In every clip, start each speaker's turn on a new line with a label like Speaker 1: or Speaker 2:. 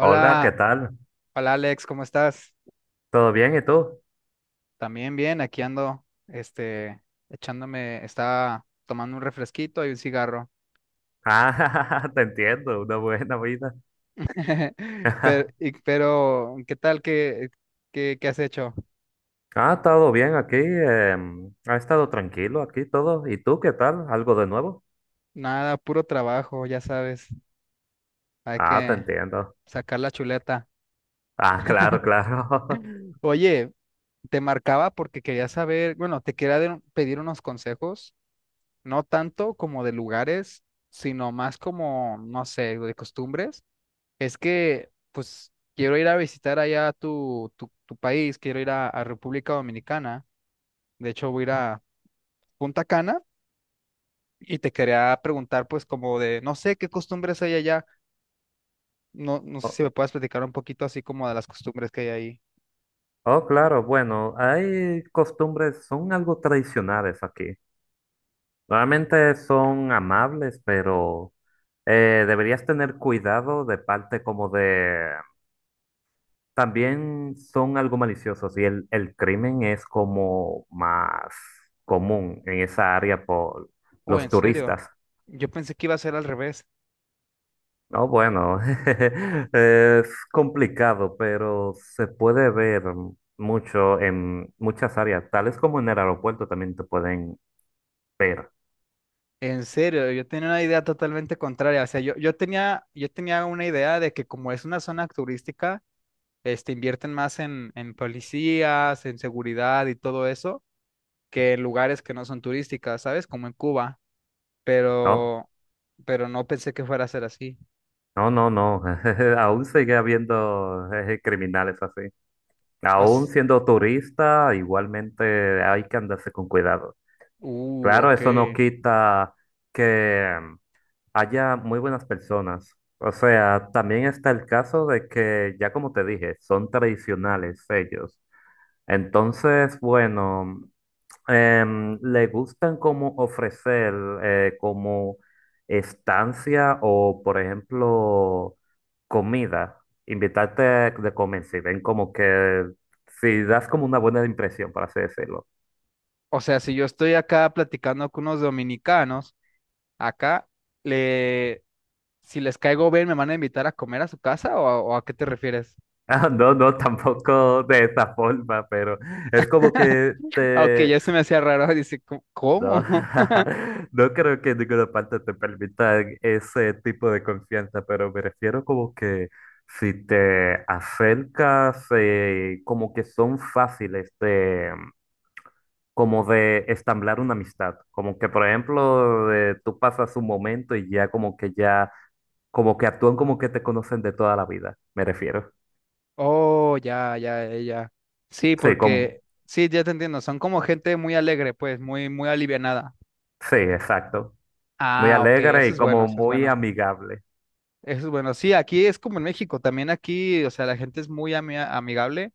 Speaker 1: Hola, ¿qué tal?
Speaker 2: hola Alex, ¿cómo estás?
Speaker 1: ¿Todo bien? ¿Y tú?
Speaker 2: También bien, aquí ando, echándome, estaba tomando un refresquito y un cigarro.
Speaker 1: Ah, te entiendo, una buena vida.
Speaker 2: Pero, pero, ¿qué tal? ¿Qué has hecho?
Speaker 1: Ah, todo bien aquí. Ha estado tranquilo aquí todo. ¿Y tú qué tal? ¿Algo de nuevo?
Speaker 2: Nada, puro trabajo, ya sabes, hay
Speaker 1: Ah, te
Speaker 2: que
Speaker 1: entiendo.
Speaker 2: sacar la chuleta.
Speaker 1: Ah, claro, claro.
Speaker 2: Oye, te marcaba porque quería saber, bueno, pedir unos consejos, no tanto como de lugares, sino más como, no sé, de costumbres. Es que, pues, quiero ir a visitar allá tu país, quiero a República Dominicana. De hecho, voy a ir a Punta Cana y te quería preguntar, pues, como de, no sé qué costumbres hay allá. No, no sé si
Speaker 1: Oh,
Speaker 2: me puedes platicar un poquito así como de las costumbres que hay ahí.
Speaker 1: oh, claro, bueno, hay costumbres, son algo tradicionales aquí. Normalmente son amables, pero deberías tener cuidado de parte como de. También son algo maliciosos y el crimen es como más común en esa área por
Speaker 2: Oh,
Speaker 1: los
Speaker 2: en serio.
Speaker 1: turistas.
Speaker 2: Yo pensé que iba a ser al revés.
Speaker 1: No, bueno, es complicado, pero se puede ver mucho en muchas áreas, tales como en el aeropuerto también te pueden ver,
Speaker 2: En serio, yo tenía una idea totalmente contraria. O sea, yo tenía una idea de que como es una zona turística, invierten más en policías, en seguridad y todo eso, que en lugares que no son turísticas, ¿sabes? Como en Cuba,
Speaker 1: ¿no?
Speaker 2: pero, pero no pensé que fuera a ser así.
Speaker 1: No, no, no, aún sigue habiendo criminales así. Aún
Speaker 2: As-
Speaker 1: siendo turista, igualmente hay que andarse con cuidado. Claro,
Speaker 2: Ok.
Speaker 1: eso no quita que haya muy buenas personas. O sea, también está el caso de que, ya como te dije, son tradicionales ellos. Entonces, bueno, le gustan como ofrecer como estancia o, por ejemplo, comida. Invitarte de comer si ven como que, si das como una buena impresión, por así decirlo.
Speaker 2: O sea, si yo estoy acá platicando con unos dominicanos, acá le, si les caigo bien, ¿me van a invitar a comer a su casa o, a qué te refieres?
Speaker 1: Ah, no, no, tampoco de esa forma, pero es como que
Speaker 2: Ah, ok,
Speaker 1: te...
Speaker 2: ya se me hacía raro, dice, "¿Cómo? ¿Cómo?".
Speaker 1: No, no creo que en ninguna parte te permita ese tipo de confianza, pero me refiero como que si te acercas, como que son fáciles de, como de estamblar una amistad. Como que, por ejemplo, tú pasas un momento y ya, como que actúan como que te conocen de toda la vida, me refiero.
Speaker 2: Oh, ya, ya, ya, ya. Sí,
Speaker 1: Sí, como...
Speaker 2: porque, sí, ya te entiendo, son como gente muy alegre, pues, muy, muy alivianada.
Speaker 1: Sí, exacto. Muy
Speaker 2: Ah, ok,
Speaker 1: alegre
Speaker 2: eso
Speaker 1: y
Speaker 2: es bueno,
Speaker 1: como
Speaker 2: eso es
Speaker 1: muy
Speaker 2: bueno.
Speaker 1: amigable.
Speaker 2: Es bueno, sí, aquí es como en México, también aquí, o sea, la gente es muy amigable.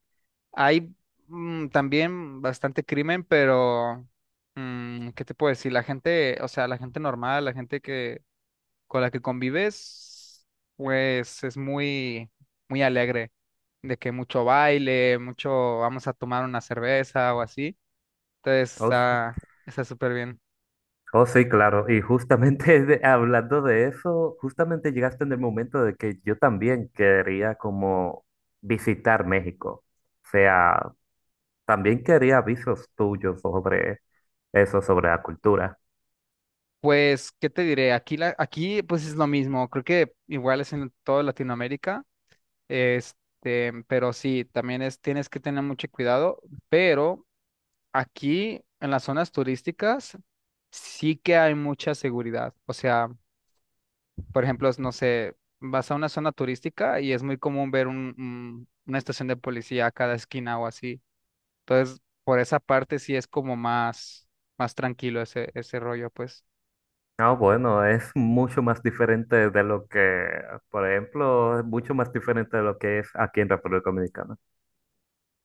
Speaker 2: Hay también bastante crimen, pero ¿qué te puedo decir? La gente, o sea, la gente normal, la gente que con la que convives, pues es muy, muy alegre, de que mucho baile, mucho vamos a tomar una cerveza o así. Entonces
Speaker 1: Oh, sí.
Speaker 2: está, está súper bien.
Speaker 1: Oh, sí, claro. Y justamente hablando de eso, justamente llegaste en el momento de que yo también quería como visitar México. O sea, también quería avisos tuyos sobre eso, sobre la cultura.
Speaker 2: Pues, ¿qué te diré? Aquí, la, aquí, pues es lo mismo. Creo que igual es en toda Latinoamérica. Pero sí, también es, tienes que tener mucho cuidado, pero aquí en las zonas turísticas sí que hay mucha seguridad. O sea, por ejemplo, no sé, vas a una zona turística y es muy común ver una estación de policía a cada esquina o así. Entonces, por esa parte sí es como más, más tranquilo ese rollo, pues.
Speaker 1: No, bueno, es mucho más diferente de lo que, por ejemplo, es mucho más diferente de lo que es aquí en República Dominicana.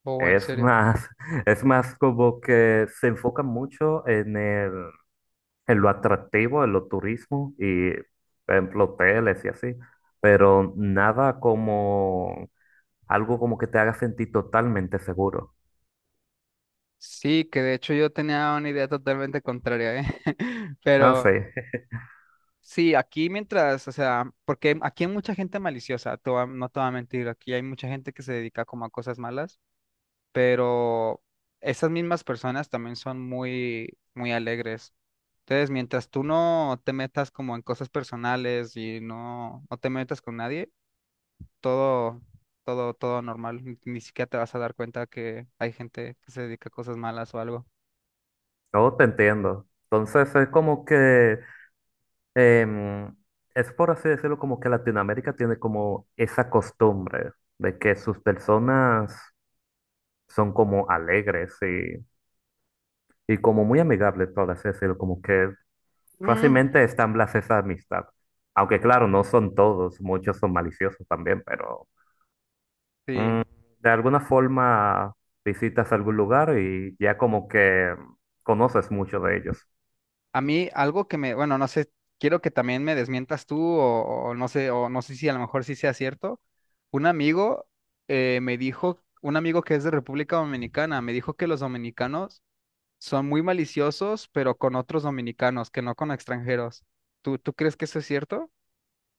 Speaker 2: Oh, en
Speaker 1: Es
Speaker 2: serio.
Speaker 1: más, es más como que se enfoca mucho en el, en lo atractivo, en lo turismo y, por ejemplo, hoteles y así, pero nada como algo como que te haga sentir totalmente seguro.
Speaker 2: Sí, que de hecho yo tenía una idea totalmente contraria, ¿eh?
Speaker 1: Ah, sí,
Speaker 2: Pero sí, aquí mientras, o sea, porque aquí hay mucha gente maliciosa, no te voy a mentir, aquí hay mucha gente que se dedica como a cosas malas, pero esas mismas personas también son muy, muy alegres. Entonces, mientras tú no te metas como en cosas personales y no, no te metas con nadie, todo, todo normal. Ni, ni siquiera te vas a dar cuenta que hay gente que se dedica a cosas malas o algo.
Speaker 1: yo te entiendo. Entonces es como que, em, es por así decirlo, como que Latinoamérica tiene como esa costumbre de que sus personas son como alegres y como muy amigable, por así decirlo, como que
Speaker 2: Mm,
Speaker 1: fácilmente establece esa amistad. Aunque claro, no son todos, muchos son maliciosos también, pero
Speaker 2: sí.
Speaker 1: de alguna forma visitas algún lugar y ya como que conoces mucho de ellos.
Speaker 2: A mí algo que me, bueno, no sé, quiero que también me desmientas tú o no sé si a lo mejor sí sea cierto. Un amigo me dijo, un amigo que es de República Dominicana, me dijo que los dominicanos son muy maliciosos, pero con otros dominicanos, que no con extranjeros. Tú crees que eso es cierto?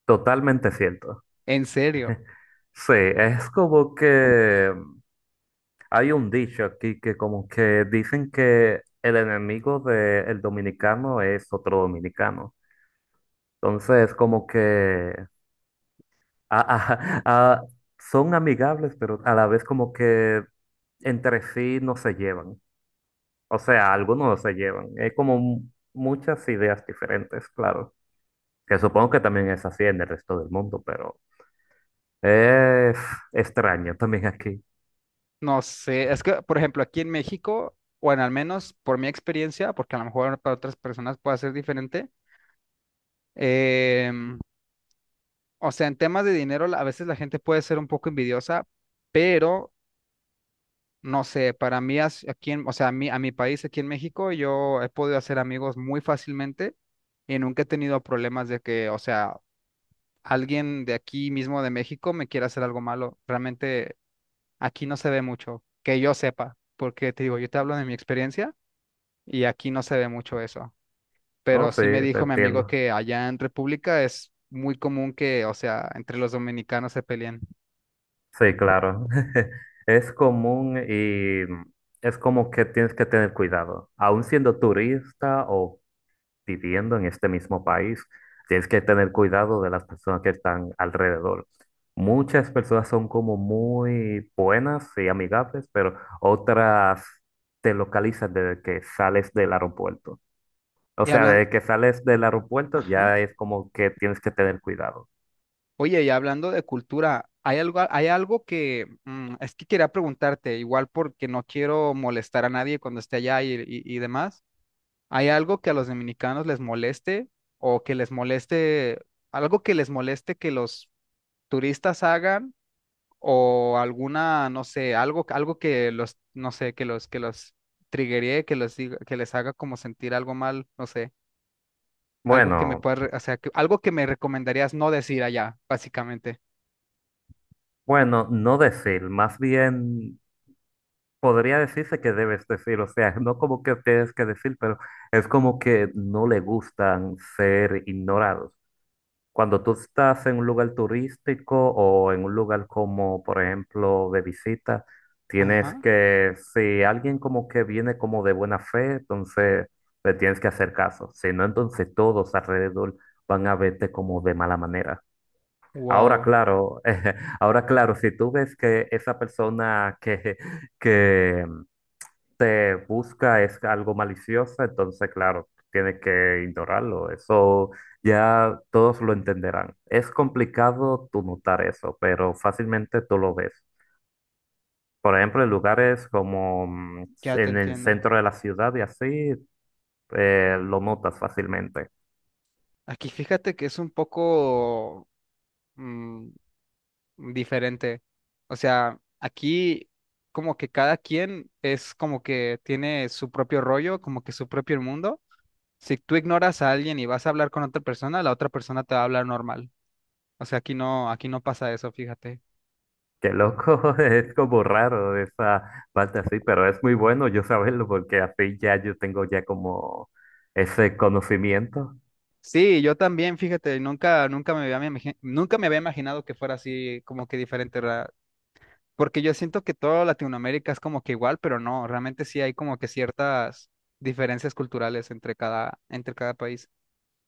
Speaker 1: Totalmente cierto.
Speaker 2: En serio,
Speaker 1: Sí, es como que hay un dicho aquí que como que dicen que el enemigo del dominicano es otro dominicano. Entonces, como que a- a- a- son amigables, pero a la vez como que entre sí no se llevan. O sea, algunos no se llevan. Hay como muchas ideas diferentes, claro. Que supongo que también es así en el resto del mundo, pero es extraño también aquí.
Speaker 2: no sé. Es que, por ejemplo, aquí en México, o en al menos por mi experiencia, porque a lo mejor para otras personas puede ser diferente, em, o sea, en temas de dinero, a veces la gente puede ser un poco envidiosa, pero no sé, para mí, aquí o sea, a mí, a mi país, aquí en México, yo he podido hacer amigos muy fácilmente y nunca he tenido problemas de que, o sea, alguien de aquí mismo de México me quiera hacer algo malo. Realmente aquí no se ve mucho, que yo sepa, porque te digo, yo te hablo de mi experiencia y aquí no se ve mucho eso.
Speaker 1: Oh,
Speaker 2: Pero
Speaker 1: sí,
Speaker 2: sí me
Speaker 1: te
Speaker 2: dijo mi amigo
Speaker 1: entiendo.
Speaker 2: que allá en República es muy común que, o sea, entre los dominicanos se peleen.
Speaker 1: Sí, claro. Es común y es como que tienes que tener cuidado. Aun siendo turista o viviendo en este mismo país, tienes que tener cuidado de las personas que están alrededor. Muchas personas son como muy buenas y amigables, pero otras te localizan desde que sales del aeropuerto. O
Speaker 2: Y
Speaker 1: sea,
Speaker 2: hablan,
Speaker 1: desde que sales del aeropuerto
Speaker 2: ajá.
Speaker 1: ya es como que tienes que tener cuidado.
Speaker 2: Oye, y hablando de cultura, hay algo, que es que quería preguntarte, igual porque no quiero molestar a nadie cuando esté allá y demás. ¿Hay algo que a los dominicanos les moleste o que les moleste, algo que les moleste que los turistas hagan o alguna, no sé, algo, algo que los, no sé, que los triggeree, que les haga como sentir algo mal, no sé, algo que me
Speaker 1: Bueno,
Speaker 2: pueda, o sea, que- algo que me recomendarías no decir allá, básicamente.
Speaker 1: bueno, no decir, más bien podría decirse que debes decir, o sea, no como que tienes que decir, pero es como que no le gustan ser ignorados. Cuando tú estás en un lugar turístico o en un lugar como, por ejemplo, de visita, tienes
Speaker 2: Ajá.
Speaker 1: que, si alguien como que viene como de buena fe, entonces le tienes que hacer caso. Si no, entonces todos alrededor van a verte como de mala manera. Ahora,
Speaker 2: Wow,
Speaker 1: claro, ahora, claro, si tú ves que esa persona que te busca es algo malicioso, entonces, claro, tienes que ignorarlo. Eso ya todos lo entenderán. Es complicado tú notar eso, pero fácilmente tú lo ves. Por ejemplo, en lugares como
Speaker 2: ya te
Speaker 1: en el
Speaker 2: entiendo.
Speaker 1: centro de la ciudad y así, lo notas fácilmente.
Speaker 2: Aquí fíjate que es un poco mm, diferente. O sea, aquí como que cada quien es como que tiene su propio rollo, como que su propio mundo. Si tú ignoras a alguien y vas a hablar con otra persona, la otra persona te va a hablar normal. O sea, aquí no pasa eso, fíjate.
Speaker 1: Qué loco, es como raro esa parte así, pero es muy bueno yo saberlo porque así ya yo tengo ya como ese conocimiento.
Speaker 2: Sí, yo también, fíjate, nunca, nunca me había imaginado que fuera así como que diferente. Porque yo siento que toda Latinoamérica es como que igual, pero no, realmente sí hay como que ciertas diferencias culturales entre cada país.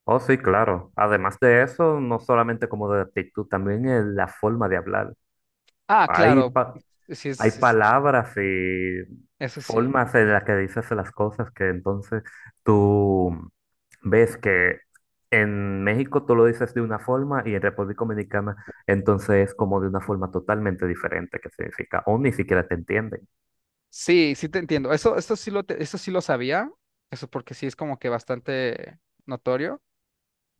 Speaker 1: Oh, sí, claro. Además de eso, no solamente como de actitud, también en la forma de hablar.
Speaker 2: Ah,
Speaker 1: Hay,
Speaker 2: claro, sí,
Speaker 1: hay
Speaker 2: es-
Speaker 1: palabras y
Speaker 2: eso sí.
Speaker 1: formas en las que dices las cosas que entonces tú ves que en México tú lo dices de una forma y en República Dominicana entonces es como de una forma totalmente diferente que significa o ni siquiera te entienden.
Speaker 2: Sí, sí te entiendo. Eso, eso sí lo sabía, eso porque sí es como que bastante notorio,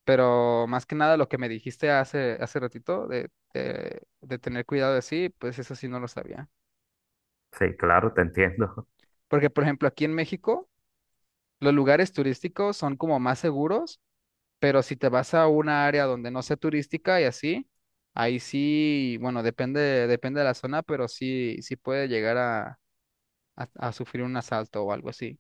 Speaker 2: pero más que nada lo que me dijiste hace ratito de, de tener cuidado de sí, pues eso sí no lo sabía.
Speaker 1: Sí, claro, te entiendo.
Speaker 2: Porque, por ejemplo, aquí en México, los lugares turísticos son como más seguros. Pero si te vas a una área donde no sea turística y así, ahí sí, bueno, depende, depende de la zona, pero sí, sí puede llegar a, a sufrir un asalto o algo así.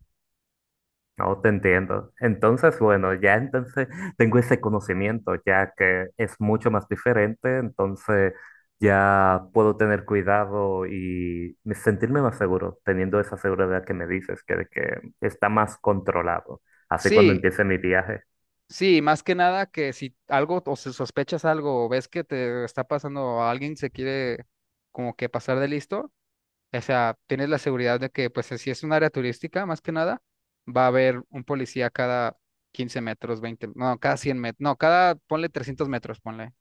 Speaker 1: No te entiendo. Entonces, bueno, ya entonces tengo ese conocimiento, ya que es mucho más diferente, entonces ya puedo tener cuidado y sentirme más seguro, teniendo esa seguridad que me dices, que, de que está más controlado. Así cuando
Speaker 2: Sí,
Speaker 1: empiece mi viaje.
Speaker 2: sí, más que nada que si algo o si sospechas algo o ves que te está pasando o alguien se quiere como que pasar de listo, o sea, tienes la seguridad de que pues si es un área turística, más que nada, va a haber un policía cada 15 metros, 20 no, cada 100 metros, no, cada, ponle 300 metros, ponle.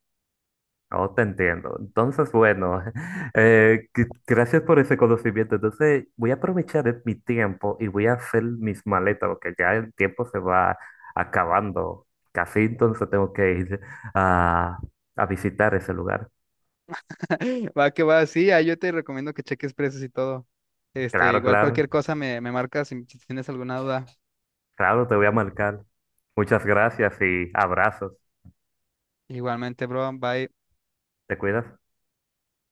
Speaker 1: Oh, te entiendo. Entonces, bueno, gracias por ese conocimiento. Entonces, voy a aprovechar mi tiempo y voy a hacer mis maletas, porque ya el tiempo se va acabando. Casi entonces tengo que ir a, a visitar ese lugar.
Speaker 2: Va que va, sí, ahí yo te recomiendo que cheques precios y todo. Este,
Speaker 1: Claro,
Speaker 2: igual
Speaker 1: claro,
Speaker 2: cualquier cosa me, me marcas si si tienes alguna duda.
Speaker 1: claro, te voy a marcar. Muchas gracias y abrazos.
Speaker 2: Igualmente, bro, bye.
Speaker 1: ¿Te cuidas?